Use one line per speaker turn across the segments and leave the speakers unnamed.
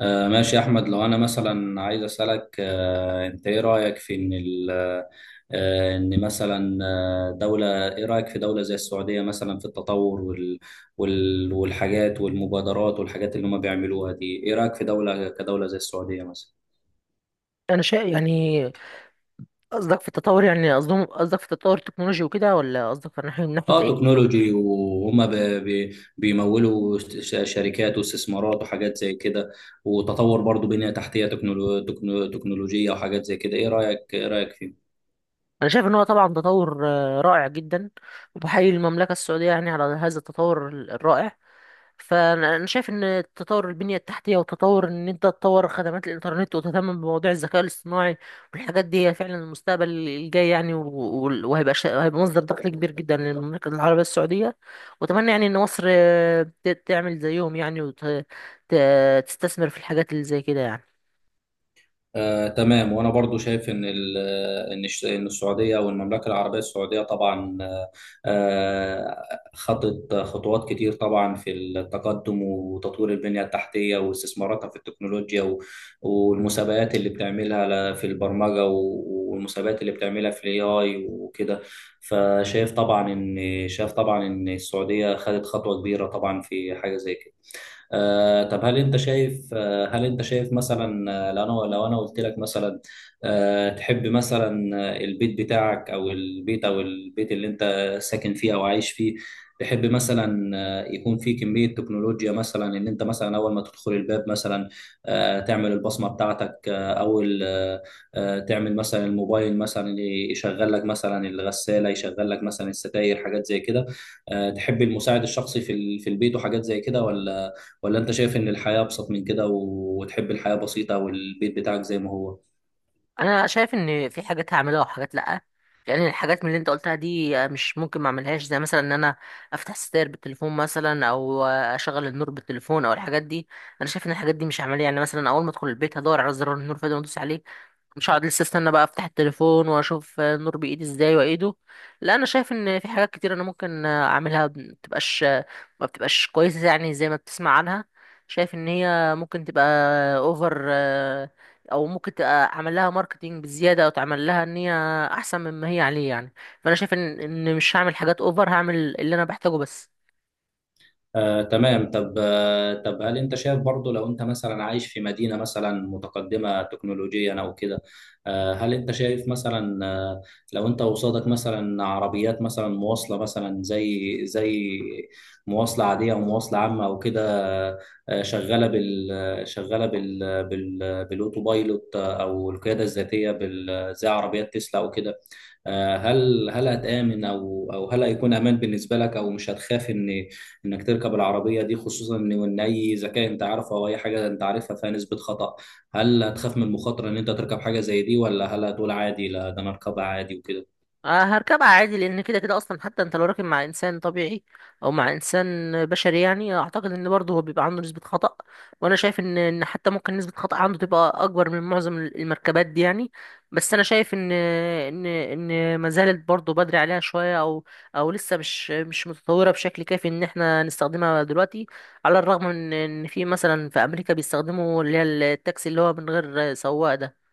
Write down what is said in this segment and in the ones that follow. ماشي يا أحمد، لو أنا مثلا عايز أسألك، أنت إيه رأيك في إن ال آه، إن مثلا آه، دولة، إيه رأيك في دولة زي السعودية مثلا في التطور والحاجات والمبادرات والحاجات اللي هم بيعملوها دي، إيه رأيك في دولة كدولة زي السعودية مثلا؟
انا شايف يعني قصدك في التطور، يعني قصدهم، قصدك في التطور التكنولوجي وكده، ولا قصدك في ناحيه من ناحيه
اه،
ايه؟
تكنولوجي وهم ب- بيمولوا شركات واستثمارات وحاجات زي كده، وتطور برضو بنية تحتية تكنولوجية وحاجات زي كده. ايه رأيك فيه؟
انا شايف ان هو طبعا تطور رائع جدا، وبحيي المملكه السعوديه يعني على هذا التطور الرائع. فانا شايف ان تطور البنيه التحتيه وتطور ان انت تطور خدمات الانترنت وتهتم بمواضيع الذكاء الاصطناعي والحاجات دي هي فعلا المستقبل الجاي يعني، وهيبقى هيبقى مصدر دخل كبير جدا للمملكه العربيه السعوديه. واتمنى يعني ان مصر تعمل زيهم يعني، وتستثمر في الحاجات اللي زي كده يعني.
تمام. وانا برضو شايف ان ال- ان الش- إن السعوديه او المملكه العربيه السعوديه طبعا، آه، خطت خطوات كتير طبعا في التقدم، وتطوير البنيه التحتيه، واستثماراتها في التكنولوجيا، والمسابقات اللي بتعملها في البرمجه، والمسابقات اللي بتعملها في الاي اي وكده. فشايف طبعا ان شايف طبعا ان السعوديه خدت خطوه كبيره طبعا في حاجه زي كده. طب هل انت شايف مثلا، لو انا قلت لك مثلا، تحب مثلا، البيت بتاعك او البيت او البيت اللي انت ساكن فيه او عايش فيه، تحب مثلا يكون فيه كمية تكنولوجيا مثلا، ان انت مثلا اول ما تدخل الباب مثلا تعمل البصمة بتاعتك، آه، او ال- آه، آه، تعمل مثلا الموبايل مثلا يشغل لك مثلا الغسالة، يشغل لك مثلا الستاير، حاجات زي كده. تحب المساعد الشخصي في البيت وحاجات زي كده، ولا انت شايف ان الحياة ابسط من كده، وتحب الحياة بسيطة والبيت بتاعك زي ما هو؟
انا شايف ان في حاجات هعملها وحاجات لا. يعني الحاجات من اللي انت قلتها دي مش ممكن ما اعملهاش، زي مثلا ان انا افتح ستاير بالتليفون مثلا، او اشغل النور بالتليفون او الحاجات دي. انا شايف ان الحاجات دي مش عمليه، يعني مثلا اول ما ادخل البيت هدور على زرار النور فده وادوس عليه. مش هقعد لسه استنى بقى افتح التليفون واشوف النور بايدي ازاي وايده. لا، انا شايف ان في حاجات كتير انا ممكن اعملها ما بتبقاش، ما بتبقاش كويسه يعني زي ما بتسمع عنها. شايف ان هي ممكن تبقى اوفر، او ممكن تبقى اعمل لها ماركتينج بزياده، او تعمل لها ان هي احسن مما هي عليه يعني. فانا شايف ان مش هعمل حاجات اوفر، هعمل اللي انا بحتاجه بس.
تمام. طب هل انت شايف برضو، لو انت مثلا عايش في مدينة مثلا متقدمة تكنولوجيا او كده، هل انت شايف مثلا، لو انت قصادك مثلا عربيات مثلا مواصلة مثلا زي مواصلة عادية او مواصلة عامة او كده، شغالة بالاوتوبايلوت او القيادة الذاتية بال زي عربيات تسلا او كده، هل هتآمن، او هل هيكون امان بالنسبه لك، او مش هتخاف انك تركب العربيه دي، خصوصا ان اي ذكاء انت عارفه او اي حاجه انت عارفها فيها نسبه خطأ. هل هتخاف من المخاطره ان انت تركب حاجه زي دي، ولا هل هتقول عادي لا ده انا اركبها عادي وكده؟
هركبها عادي، لان كده كده اصلا حتى انت لو راكب مع انسان طبيعي او مع انسان بشري يعني، اعتقد ان برضه هو بيبقى عنده نسبة خطأ. وانا شايف ان حتى ممكن نسبة خطأ عنده تبقى اكبر من معظم المركبات دي يعني. بس انا شايف ان ما زالت برضه بدري عليها شوية، او او لسه مش متطورة بشكل كافي ان احنا نستخدمها دلوقتي، على الرغم من ان في مثلا في امريكا بيستخدموا اللي هي التاكسي اللي هو من غير سواق ده.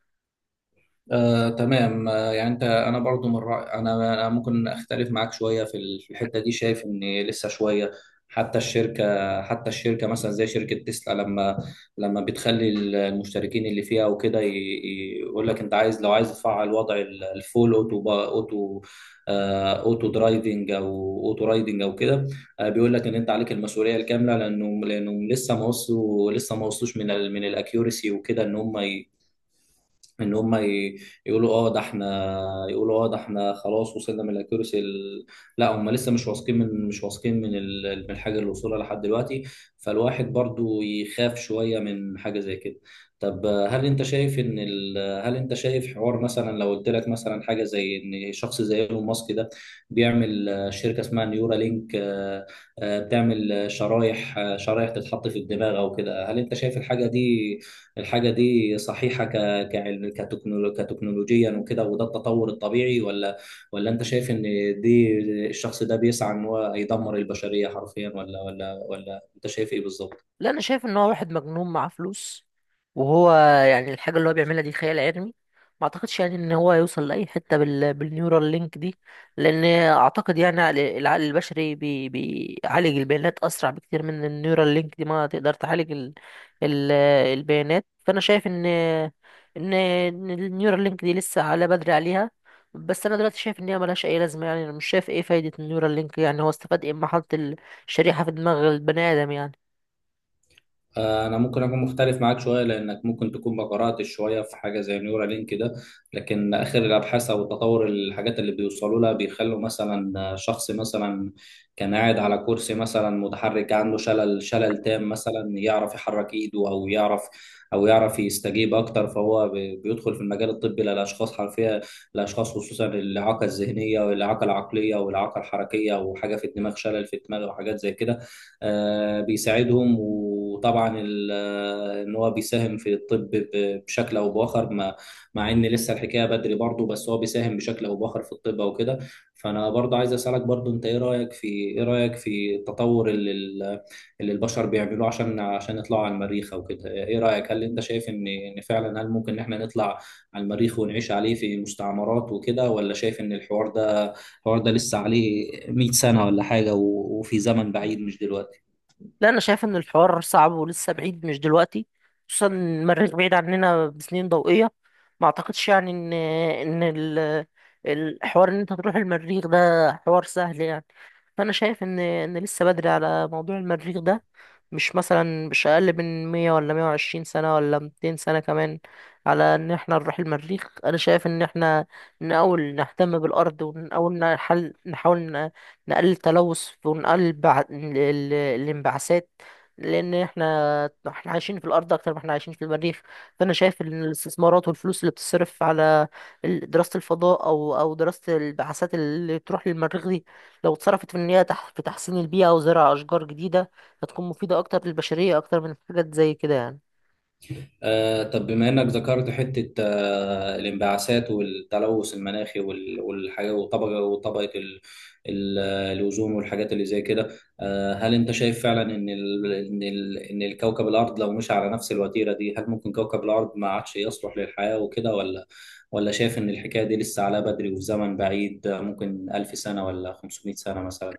تمام. يعني انا برضو من رأي، أنا ممكن اختلف معاك شويه في الحته دي، شايف ان لسه شويه. حتى الشركه مثلا زي شركه تسلا، لما بتخلي المشتركين اللي فيها وكده يقول لك انت عايز لو عايز تفعل وضع الفول اوتو درايفنج او اوتو رايدنج او كده، بيقول لك ان انت عليك المسؤوليه الكامله، لانه لسه ما وصلوا لسه ما وصلوش من الاكيورسي وكده، ان هم ي- يقولوا اه ده احنا يقولوا اه ده احنا خلاص وصلنا من الاكيورسي لا، هم لسه مش واثقين من الحاجه اللي وصلها لحد دلوقتي، فالواحد برضو يخاف شويه من حاجه زي كده. طب آه، هل انت شايف حوار، مثلا لو قلت لك مثلا حاجه زي ان شخص زي ايلون ماسك ده بيعمل شركه اسمها نيورا لينك، بتعمل شرايح تتحط في الدماغ او كده، هل انت شايف الحاجه دي صحيحه كعلم، كتكنولوجيا وكده، وده التطور الطبيعي، ولا ولا انت شايف ان دي الشخص ده بيسعى ان هو يدمر البشرية حرفيا، ولا انت شايف ايه بالظبط؟
لا، انا شايف ان هو واحد مجنون معاه فلوس، وهو يعني الحاجه اللي هو بيعملها دي خيال علمي. ما اعتقدش يعني ان هو يوصل لاي حته بالنيورال لينك دي. لان اعتقد يعني العقل البشري بيعالج البيانات اسرع بكتير من النيورال لينك دي ما تقدر تعالج ال... البيانات. فانا شايف ان النيورال لينك دي لسه على بدري عليها. بس انا دلوقتي شايف ان هي ملهاش اي لازمه يعني، انا مش شايف ايه فايده النيورال لينك، يعني هو استفاد ايه اما حط الشريحه في دماغ البني ادم يعني.
انا ممكن اكون مختلف معاك شويه، لانك ممكن تكون ما قراتش شويه في حاجه زي نيورا لينك ده. لكن اخر الابحاث او تطور الحاجات اللي بيوصلوا لها بيخلوا مثلا شخص مثلا كان قاعد على كرسي مثلا متحرك، عنده شلل تام مثلا يعرف يحرك ايده، او يعرف يستجيب اكتر، فهو بيدخل في المجال الطبي للاشخاص حرفيا، الاشخاص خصوصا الاعاقه الذهنيه والاعاقه العقليه والاعاقه الحركيه، وحاجه في الدماغ، شلل في الدماغ وحاجات زي كده. بيساعدهم، وطبعا ان هو بيساهم في الطب بشكل او باخر، مع ان لسه الحكايه بدري برضه، بس هو بيساهم بشكل او باخر في الطب او كده. فانا برضه عايز اسالك برضه، انت ايه رايك في التطور اللي البشر بيعملوه، عشان يطلعوا على المريخ او كده. ايه رايك؟ هل انت شايف ان فعلا هل ممكن ان احنا نطلع على المريخ ونعيش عليه في مستعمرات وكده، ولا شايف ان الحوار ده لسه عليه 100 سنه ولا حاجه، وفي زمن بعيد مش دلوقتي؟
لا، انا شايف ان الحوار صعب ولسه بعيد مش دلوقتي، خصوصا إن المريخ بعيد عننا بسنين ضوئية. ما اعتقدش يعني ان الحوار ان انت تروح المريخ ده حوار سهل يعني. فانا شايف ان لسه بدري على موضوع المريخ ده، مش مثلا مش اقل من 100 ولا 120 سنة ولا 200 سنة كمان على ان احنا نروح المريخ. انا شايف ان احنا نحاول نهتم بالارض، ونحاول نحل، نحاول نقلل التلوث، ونقلل الانبعاثات، لان احنا عايشين في الارض اكتر ما احنا عايشين في المريخ. فانا شايف ان الاستثمارات والفلوس اللي بتصرف على دراسة الفضاء او او دراسة البعثات اللي تروح للمريخ دي، لو اتصرفت في ان هي في تحسين البيئة وزرع اشجار جديدة، هتكون مفيدة أكتر للبشرية أكتر من حاجات زي كده يعني.
طب بما إنك ذكرت حتة الانبعاثات والتلوث المناخي، والحاجة، وطبقة ال- الأوزون والحاجات اللي زي كده. هل أنت شايف فعلا إن الكوكب الأرض لو مشي على نفس الوتيرة دي، هل ممكن كوكب الأرض ما عادش يصلح للحياة وكده، ولا شايف إن الحكاية دي لسه عليها بدري وفي زمن بعيد، ممكن ألف سنة ولا 500 سنة مثلا؟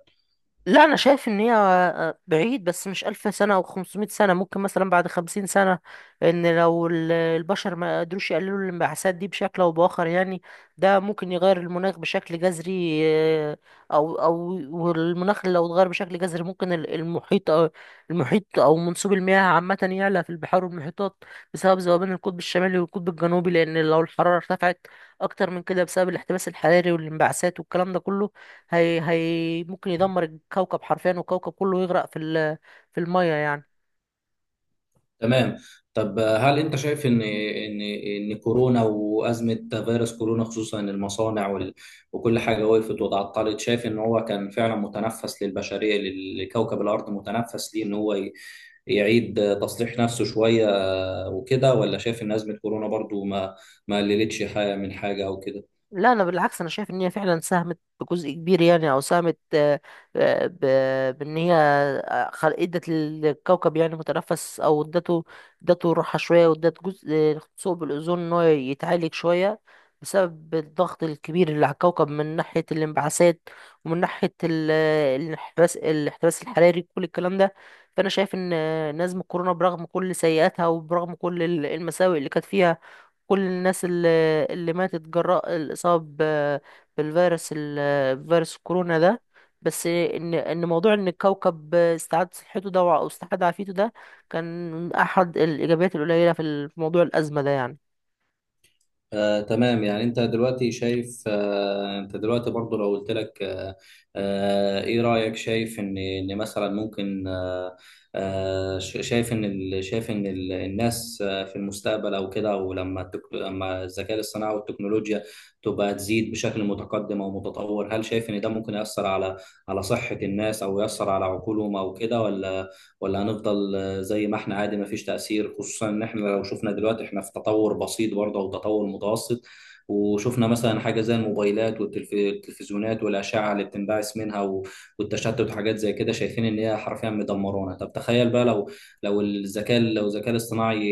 لا، انا شايف ان هي بعيد، بس مش الف سنه او 500 سنه، ممكن مثلا بعد 50 سنه، ان لو البشر ما قدروش يقللوا الانبعاثات دي بشكل او باخر يعني. ده ممكن يغير المناخ بشكل جذري، آه، او او والمناخ لو اتغير بشكل جذري ممكن المحيط، او المحيط، او منسوب المياه عامه يعلى في البحار والمحيطات، بسبب ذوبان القطب الشمالي والقطب الجنوبي. لان لو الحراره ارتفعت اكتر من كده بسبب الاحتباس الحراري والانبعاثات والكلام ده كله، هي ممكن يدمر الكوكب حرفيا، والكوكب كله يغرق في المية يعني.
تمام. طب هل انت شايف ان كورونا وازمه فيروس كورونا، خصوصا المصانع وكل حاجه وقفت وتعطلت، شايف ان هو كان فعلا متنفس للبشريه، لكوكب الارض، متنفس ليه ان هو يعيد تصليح نفسه شويه وكده، ولا شايف ان ازمه كورونا برضو ما قللتش حاجه من حاجه او كده؟
لا، انا بالعكس، انا شايف ان هي فعلا ساهمت بجزء كبير يعني، او ساهمت، بان هي ادت للكوكب يعني متنفس، او ادته، ادته راحه شويه، وادت جزء ثقب الاوزون ان هو يتعالج شويه، بسبب الضغط الكبير اللي على الكوكب من ناحيه الانبعاثات، ومن ناحيه الانحباس، الاحتباس الحراري كل الكلام ده. فانا شايف ان نزمه كورونا برغم كل سيئاتها وبرغم كل المساوئ اللي كانت فيها، كل الناس اللي ماتت جراء الإصابة ب- بالفيروس، فيروس الكورونا ده، بس إن موضوع إن الكوكب استعاد صحته ده، أو استعاد عافيته ده، كان أحد الإيجابيات القليلة في في موضوع الأزمة ده يعني.
تمام. انت دلوقتي برضو لو قلت لك، ايه رأيك، شايف ان مثلا ممكن، شايف ان الناس في المستقبل او كده، او لما الذكاء الصناعي والتكنولوجيا تبقى تزيد بشكل متقدم او متطور، هل شايف ان ده ممكن يأثر على صحة الناس، او يأثر على عقولهم او كده، ولا هنفضل زي ما احنا عادي ما فيش تأثير، خصوصا ان احنا لو شفنا دلوقتي احنا في تطور بسيط برضه او تطور متوسط، وشفنا مثلا حاجة زي الموبايلات والتلفزيونات والأشعة اللي بتنبعث منها والتشتت وحاجات زي كده، شايفين إن هي حرفيا مدمرانا. طب تخيل بقى، لو الذكاء الاصطناعي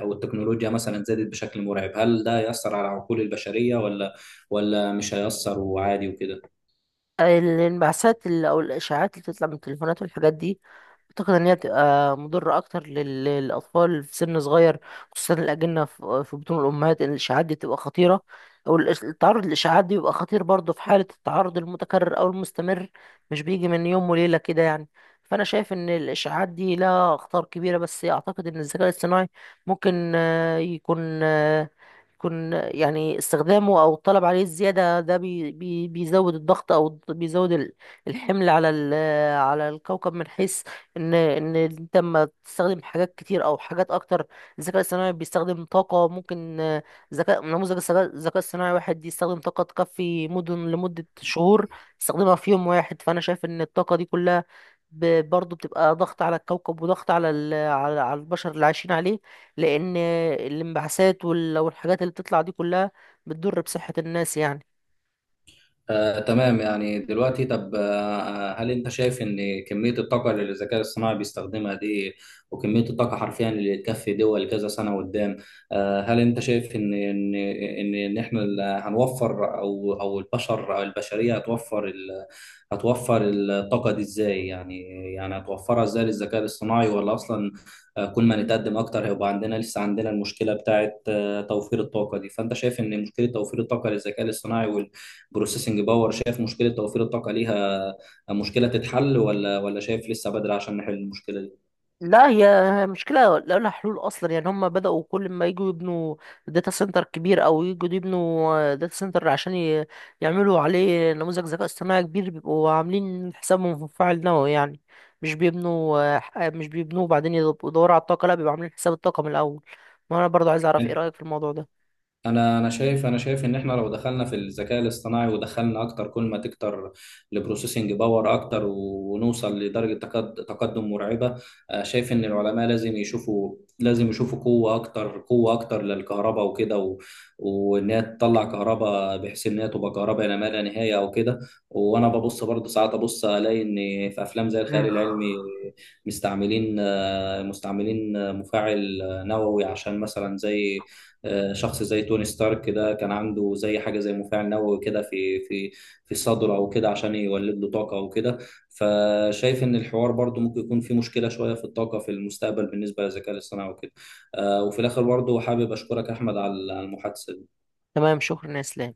أو التكنولوجيا مثلا زادت بشكل مرعب، هل ده يأثر على عقول البشرية، ولا مش هيأثر وعادي وكده؟
الانبعاثات اللي، أو الإشاعات اللي بتطلع من التليفونات والحاجات دي، أعتقد إن هي بتبقى مضرة أكتر للأطفال في سن صغير، خصوصا الأجنة في في بطون الأمهات، إن الإشعاعات دي بتبقى خطيرة. أو التعرض للإشعاعات دي بيبقى خطير برضه في حالة التعرض المتكرر أو المستمر، مش بيجي من يوم وليلة كده يعني. فأنا شايف إن الإشعاعات دي لها أخطار كبيرة. بس أعتقد إن الذكاء الاصطناعي ممكن يكون يكون يعني استخدامه او الطلب عليه الزياده ده بي بي بيزود الضغط، او بيزود الحمل على على الكوكب، من حيث ان انت لما تستخدم حاجات كتير او حاجات اكتر. الذكاء الصناعي بيستخدم طاقه ممكن، ذكاء نموذج الذكاء الصناعي واحد يستخدم طاقه تكفي مدن لمده شهور، يستخدمها في يوم واحد. فانا شايف ان الطاقه دي كلها برضه بتبقى ضغط على الكوكب، وضغط على على البشر اللي عايشين عليه، لان الانبعاثات والحاجات اللي بتطلع دي كلها بتضر بصحة الناس يعني.
تمام. يعني دلوقتي طب آه، آه، هل انت شايف ان كمية الطاقة اللي الذكاء الصناعي بيستخدمها دي، وكمية الطاقة حرفيا اللي تكفي دول كذا سنة قدام، هل انت شايف ان هنوفر، او البشر او البشرية هتوفر هتوفر الطاقة دي ازاي يعني؟ يعني هتوفرها ازاي للذكاء الصناعي، ولا اصلا، كل ما نتقدم اكتر هيبقى لسه عندنا المشكلة بتاعت توفير الطاقة دي. فانت شايف ان مشكلة توفير الطاقة للذكاء الصناعي، بروسيسنج باور، شايف مشكله توفير الطاقه ليها، مشكله تتحل، ولا شايف لسه بدري عشان نحل المشكله دي؟
لا، هي مشكلة لا لها حلول أصلا يعني. هم بدأوا كل ما يجوا يبنوا داتا سنتر كبير، أو يجوا يبنوا داتا سنتر عشان يعملوا عليه نموذج ذكاء اصطناعي كبير، بيبقوا عاملين حسابهم في فاعل نووي يعني. مش بيبنوا مش بيبنوه وبعدين يدوروا على الطاقة، لا بيبقوا عاملين حساب الطاقة من الأول. ما أنا برضو عايز أعرف إيه
يعني
رأيك في الموضوع ده.
انا شايف ان احنا لو دخلنا في الذكاء الاصطناعي ودخلنا اكتر، كل ما تكتر البروسيسنج باور اكتر ونوصل لدرجه تقدم مرعبه، شايف ان العلماء لازم يشوفوا قوه اكتر، للكهرباء وكده، وان هي تطلع كهرباء بحيث ان هي تبقى كهرباء لا ما لا نهايه او كده. وانا ببص برضه ساعات ابص الاقي ان في افلام زي الخيال
مم.
العلمي مستعملين مستعملين مفاعل نووي، عشان مثلا زي شخص زي توني ستارك كده كان عنده زي حاجة زي مفاعل نووي كده في صدره أو كده عشان يولد له طاقة أو كده. فشايف إن الحوار برضو ممكن يكون فيه مشكلة شوية في الطاقة في المستقبل بالنسبة للذكاء الاصطناعي وكده. وفي الآخر برضو حابب أشكرك أحمد على المحادثة.
تمام، شكرا يا إسلام.